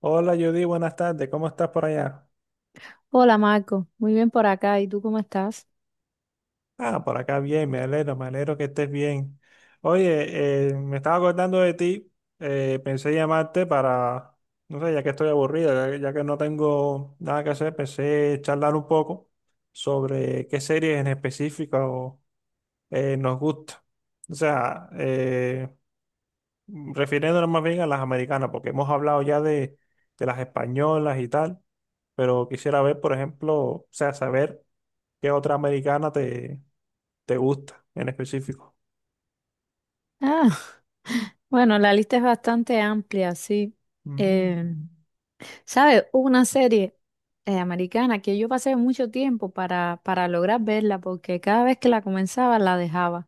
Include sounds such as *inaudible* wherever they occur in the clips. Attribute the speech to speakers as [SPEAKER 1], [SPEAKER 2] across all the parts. [SPEAKER 1] Hola Judy, buenas tardes. ¿Cómo estás por allá?
[SPEAKER 2] Hola Marco, muy bien por acá. ¿Y tú cómo estás?
[SPEAKER 1] Ah, por acá bien, me alegro que estés bien. Oye, me estaba acordando de ti, pensé llamarte para, no sé, ya que estoy aburrido, ya que no tengo nada que hacer, pensé charlar un poco sobre qué series en específico nos gusta. O sea, refiriéndonos más bien a las americanas, porque hemos hablado ya de las españolas y tal, pero quisiera ver, por ejemplo, o sea, saber. ¿Qué otra americana te gusta en específico?
[SPEAKER 2] Ah, bueno, la lista es bastante amplia, sí.
[SPEAKER 1] Mm.
[SPEAKER 2] Eh, ¿Sabes? Hubo una serie americana que yo pasé mucho tiempo para lograr verla porque cada vez que la comenzaba la dejaba.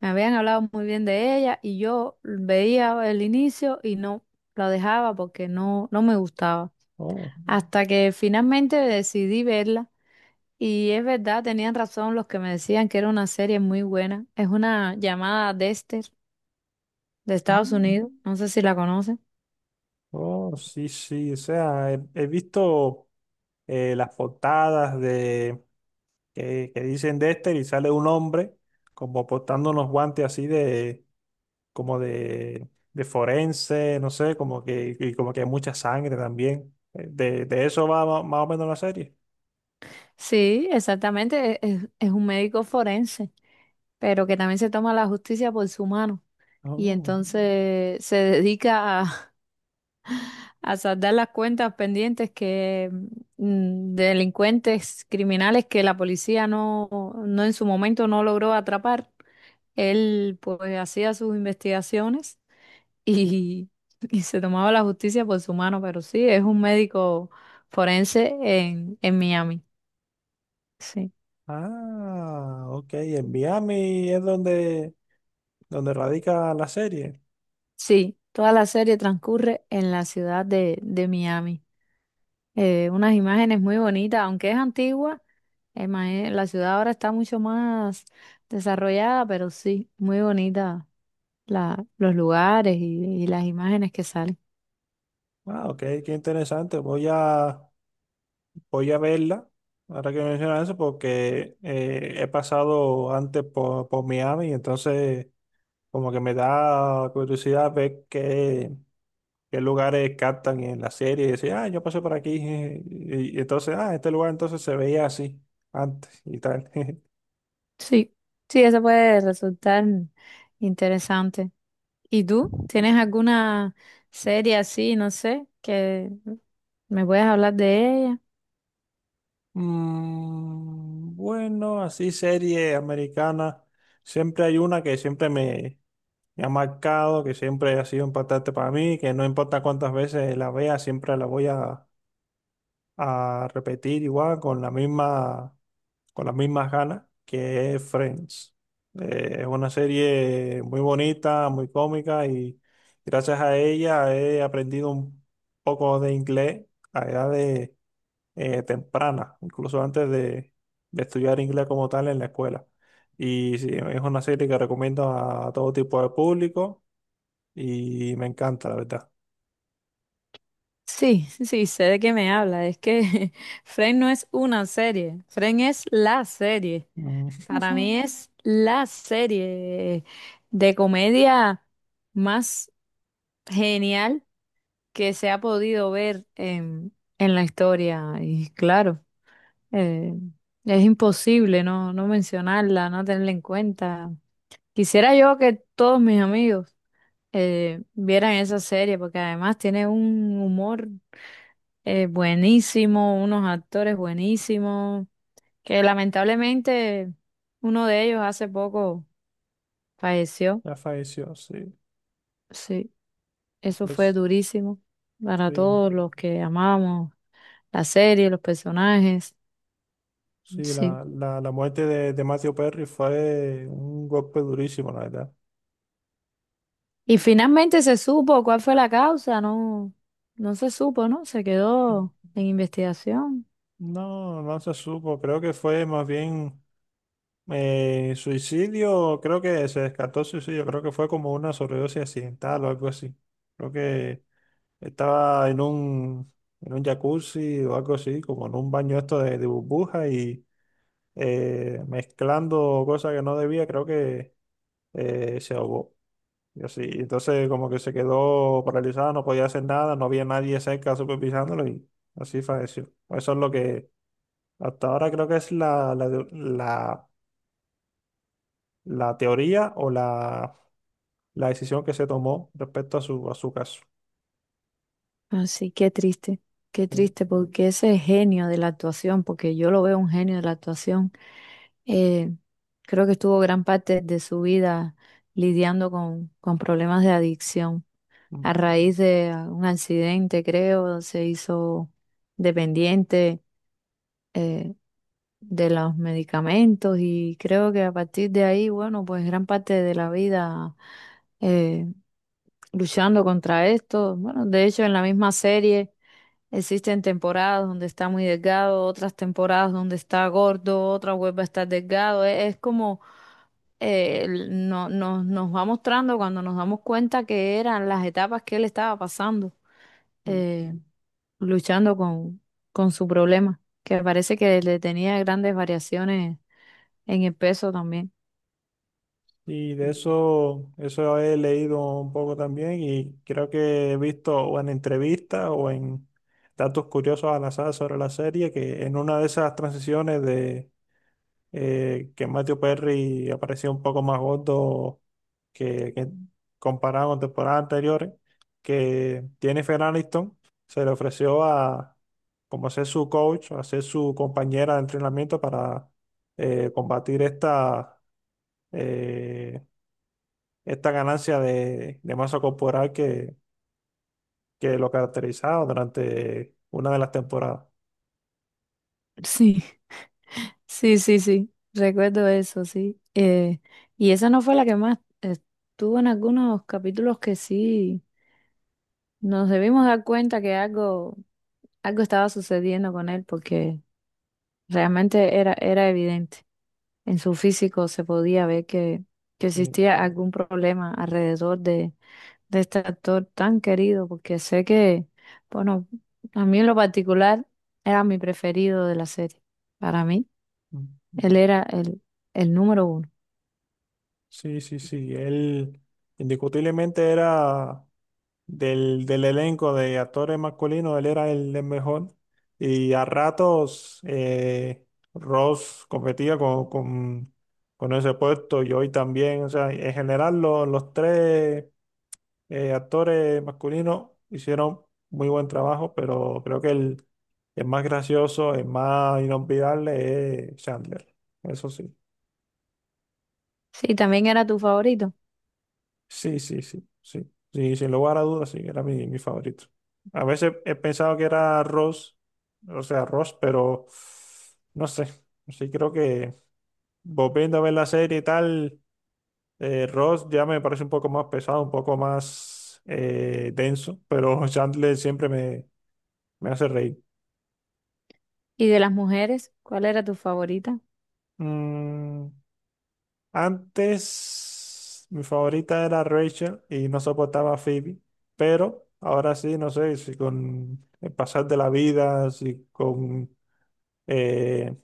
[SPEAKER 2] Me habían hablado muy bien de ella y yo veía el inicio y no la dejaba porque no me gustaba.
[SPEAKER 1] Oh,
[SPEAKER 2] Hasta que finalmente decidí verla. Y es verdad, tenían razón los que me decían que era una serie muy buena. Es una llamada Dexter, de Estados
[SPEAKER 1] mm,
[SPEAKER 2] Unidos, no sé si la conoce.
[SPEAKER 1] oh, sí, sí. O sea, he visto las portadas de que dicen Dexter y sale un hombre como portando unos guantes así de como de forense, no sé, como que y como que hay mucha sangre también. De eso va más o menos la serie.
[SPEAKER 2] Sí, exactamente, es un médico forense, pero que también se toma la justicia por su mano y
[SPEAKER 1] Oh,
[SPEAKER 2] entonces se dedica a, *laughs* a saldar las cuentas pendientes que de delincuentes criminales que la policía no en su momento no logró atrapar. Él pues hacía sus investigaciones y, *laughs* y se tomaba la justicia por su mano, pero sí, es un médico forense en Miami. Sí,
[SPEAKER 1] ah, ok. En Miami es donde, donde radica la serie.
[SPEAKER 2] sí, toda la serie transcurre en la ciudad de Miami. Unas imágenes muy bonitas, aunque es antigua, la ciudad ahora está mucho más desarrollada, pero sí, muy bonita la, los lugares y las imágenes que salen.
[SPEAKER 1] Ah, ok, qué interesante. Voy a verla, ahora que mencionas eso, porque he pasado antes por Miami, entonces como que me da curiosidad ver qué, qué lugares captan en la serie y decir, ah, yo pasé por aquí, *laughs* y entonces, ah, este lugar entonces se veía así antes y tal. *laughs*
[SPEAKER 2] Sí, sí, eso puede resultar interesante. ¿Y tú? ¿Tienes alguna serie así, no sé, que me puedas hablar de ella?
[SPEAKER 1] Mm, bueno, así serie americana. Siempre hay una que siempre me ha marcado, que siempre ha sido importante para mí, que no importa cuántas veces la vea, siempre la a repetir igual con la misma, con las mismas ganas, que es Friends. Es una serie muy bonita, muy cómica y gracias a ella he aprendido un poco de inglés a edad de temprana, incluso antes de estudiar inglés como tal en la escuela. Y sí, es una serie que recomiendo a todo tipo de público y me encanta, la verdad.
[SPEAKER 2] Sí, sí, sé de qué me habla. Es que *laughs* Friends no es una serie, Friends es la serie.
[SPEAKER 1] Mm.
[SPEAKER 2] Para mí
[SPEAKER 1] *laughs*
[SPEAKER 2] es la serie de comedia más genial que se ha podido ver en la historia. Y claro, eh, es imposible no mencionarla, no tenerla en cuenta. Quisiera yo que todos mis amigos vieran esa serie porque además tiene un humor. Buenísimo, unos actores buenísimos, que lamentablemente uno de ellos hace poco falleció.
[SPEAKER 1] Ya falleció, sí.
[SPEAKER 2] Sí, eso fue
[SPEAKER 1] Pues
[SPEAKER 2] durísimo para
[SPEAKER 1] sí,
[SPEAKER 2] todos los que amamos la serie, los personajes.
[SPEAKER 1] sí,
[SPEAKER 2] Sí.
[SPEAKER 1] la muerte de Matthew Perry fue un golpe durísimo, la verdad.
[SPEAKER 2] Y finalmente se supo cuál fue la causa, no, no se supo, ¿no? Se quedó en investigación.
[SPEAKER 1] No, no se supo, creo que fue más bien suicidio, creo que se descartó suicidio, creo que fue como una sobredosis accidental o algo así. Creo que estaba en en un jacuzzi o algo así, como en un baño esto de burbuja y mezclando cosas que no debía, creo que se ahogó. Y así, entonces como que se quedó paralizada, no podía hacer nada, no había nadie cerca supervisándolo y así falleció. Eso es lo que hasta ahora creo que es la teoría o la decisión que se tomó respecto a su caso.
[SPEAKER 2] Así que triste, qué
[SPEAKER 1] Eh,
[SPEAKER 2] triste, porque ese genio de la actuación, porque yo lo veo un genio de la actuación, eh, creo que estuvo gran parte de su vida lidiando con problemas de adicción. A raíz de ah, un accidente, creo, se hizo dependiente eh, de los medicamentos y creo que a partir de ahí, bueno, pues gran parte de la vida eh, luchando contra esto. Bueno, de hecho, en la misma serie existen temporadas donde está muy delgado, otras temporadas donde está gordo, otra vuelve a estar delgado. Es como nos va mostrando cuando nos damos cuenta que eran las etapas que él estaba pasando, eh, luchando con su problema, que parece que le tenía grandes variaciones en el peso también.
[SPEAKER 1] Y de eso, eso he leído un poco también y creo que he visto o en entrevistas o en datos curiosos al azar sobre la serie que en una de esas transiciones de que Matthew Perry aparecía un poco más gordo que comparado con temporadas anteriores, que Jennifer Aniston se le ofreció a como ser su coach, a ser su compañera de entrenamiento para combatir esta... eh, esta ganancia de masa corporal que lo caracterizaba durante una de las temporadas.
[SPEAKER 2] *laughs* Sí, sí, recuerdo eso, sí. Y esa no fue la que más eh, estuvo en algunos capítulos que sí. Nos debimos dar cuenta que algo, algo estaba sucediendo con él porque realmente era, era evidente. En su físico se podía ver que existía algún problema alrededor de este actor tan querido, porque sé que, bueno, a mí en lo particular era mi preferido de la serie. Para mí, él era el número uno.
[SPEAKER 1] Sí, sí, sí, sí. Él indiscutiblemente era del elenco de actores masculinos, él era el mejor. Y a ratos Ross competía con ese puesto y hoy también. O sea, en general los tres actores masculinos hicieron muy buen trabajo, pero creo que el más gracioso, el más inolvidable es Chandler. Eso sí.
[SPEAKER 2] Sí, también era tu favorito.
[SPEAKER 1] Sí, sí, sí, sí. Sí, sin lugar a dudas, sí, era mi favorito. A veces he pensado que era Ross, o sea, Ross, pero no sé. Sí, creo que volviendo a ver la serie y tal, Ross ya me parece un poco más pesado, un poco más denso, pero *laughs* Chandler siempre me hace reír.
[SPEAKER 2] ¿Y de las mujeres, cuál era tu favorita?
[SPEAKER 1] Mm, antes mi favorita era Rachel y no soportaba a Phoebe, pero ahora sí, no sé, si con el pasar de la vida, si con eh,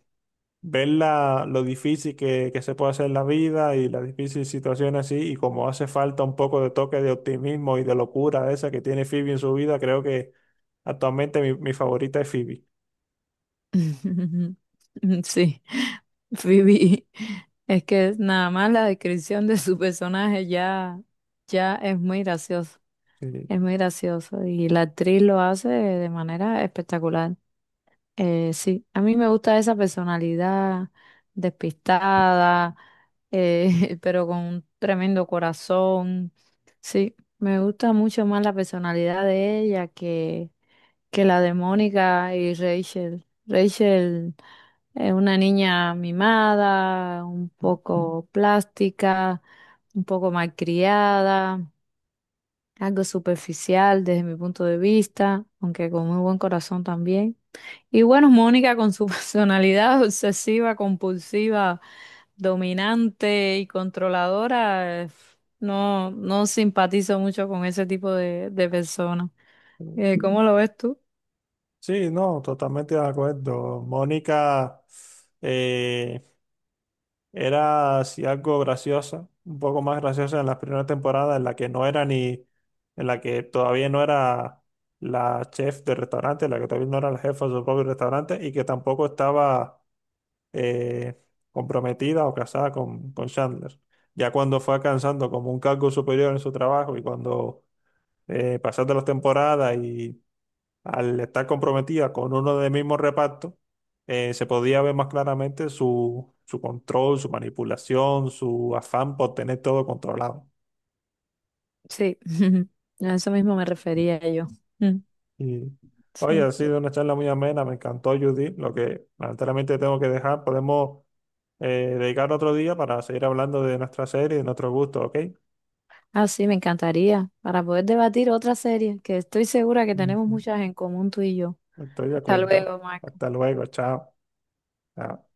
[SPEAKER 1] ver lo difícil que se puede hacer la vida y las difíciles situaciones así, y como hace falta un poco de toque de optimismo y de locura esa que tiene Phoebe en su vida, creo que actualmente mi favorita es Phoebe.
[SPEAKER 2] *laughs* Sí. *laughs* Phoebe, es que nada más la descripción de su personaje ya, ya es muy gracioso y la actriz lo hace de manera espectacular. Sí, a mí me gusta esa personalidad despistada, *laughs* pero con un tremendo corazón. Sí, me gusta mucho más la personalidad de ella que la de Mónica y Rachel. Rachel una niña mimada, un poco plástica, un poco malcriada, algo superficial desde mi punto de vista, aunque con muy buen corazón también. Y bueno, *laughs* Mónica con su *laughs* personalidad obsesiva, compulsiva, dominante y controladora, no simpatizo mucho con ese tipo de personas.
[SPEAKER 1] Sí.
[SPEAKER 2] ¿Cómo lo ves tú?
[SPEAKER 1] Sí, no, totalmente de acuerdo. Mónica eh, era así algo graciosa, un poco más graciosa en las primeras temporadas, en la que todavía no era la chef del restaurante, en la que todavía no era la jefa de su propio restaurante y que tampoco estaba eh, comprometida o casada con Chandler. Ya cuando fue alcanzando como un cargo superior en su trabajo y cuando pasaste las temporadas y al estar comprometida con uno del mismo reparto, se podía ver más claramente su control, su manipulación, su afán por tener todo controlado.
[SPEAKER 2] Sí, *laughs* a eso mismo me refería yo. Mm,
[SPEAKER 1] Y, oye, ha
[SPEAKER 2] sí.
[SPEAKER 1] sido una charla muy amena, me encantó, Judy. Lo que lamentablemente tengo que dejar, podemos dedicar otro día para seguir hablando de nuestra serie, y de nuestro gusto, ¿ok?
[SPEAKER 2] Ah, sí, me encantaría, para poder debatir otra serie, que estoy segura que tenemos
[SPEAKER 1] Ujú.
[SPEAKER 2] muchas en común tú y yo.
[SPEAKER 1] Estoy de
[SPEAKER 2] Hasta
[SPEAKER 1] acuerdo.
[SPEAKER 2] luego, Marco.
[SPEAKER 1] Hasta luego, chao. Chao.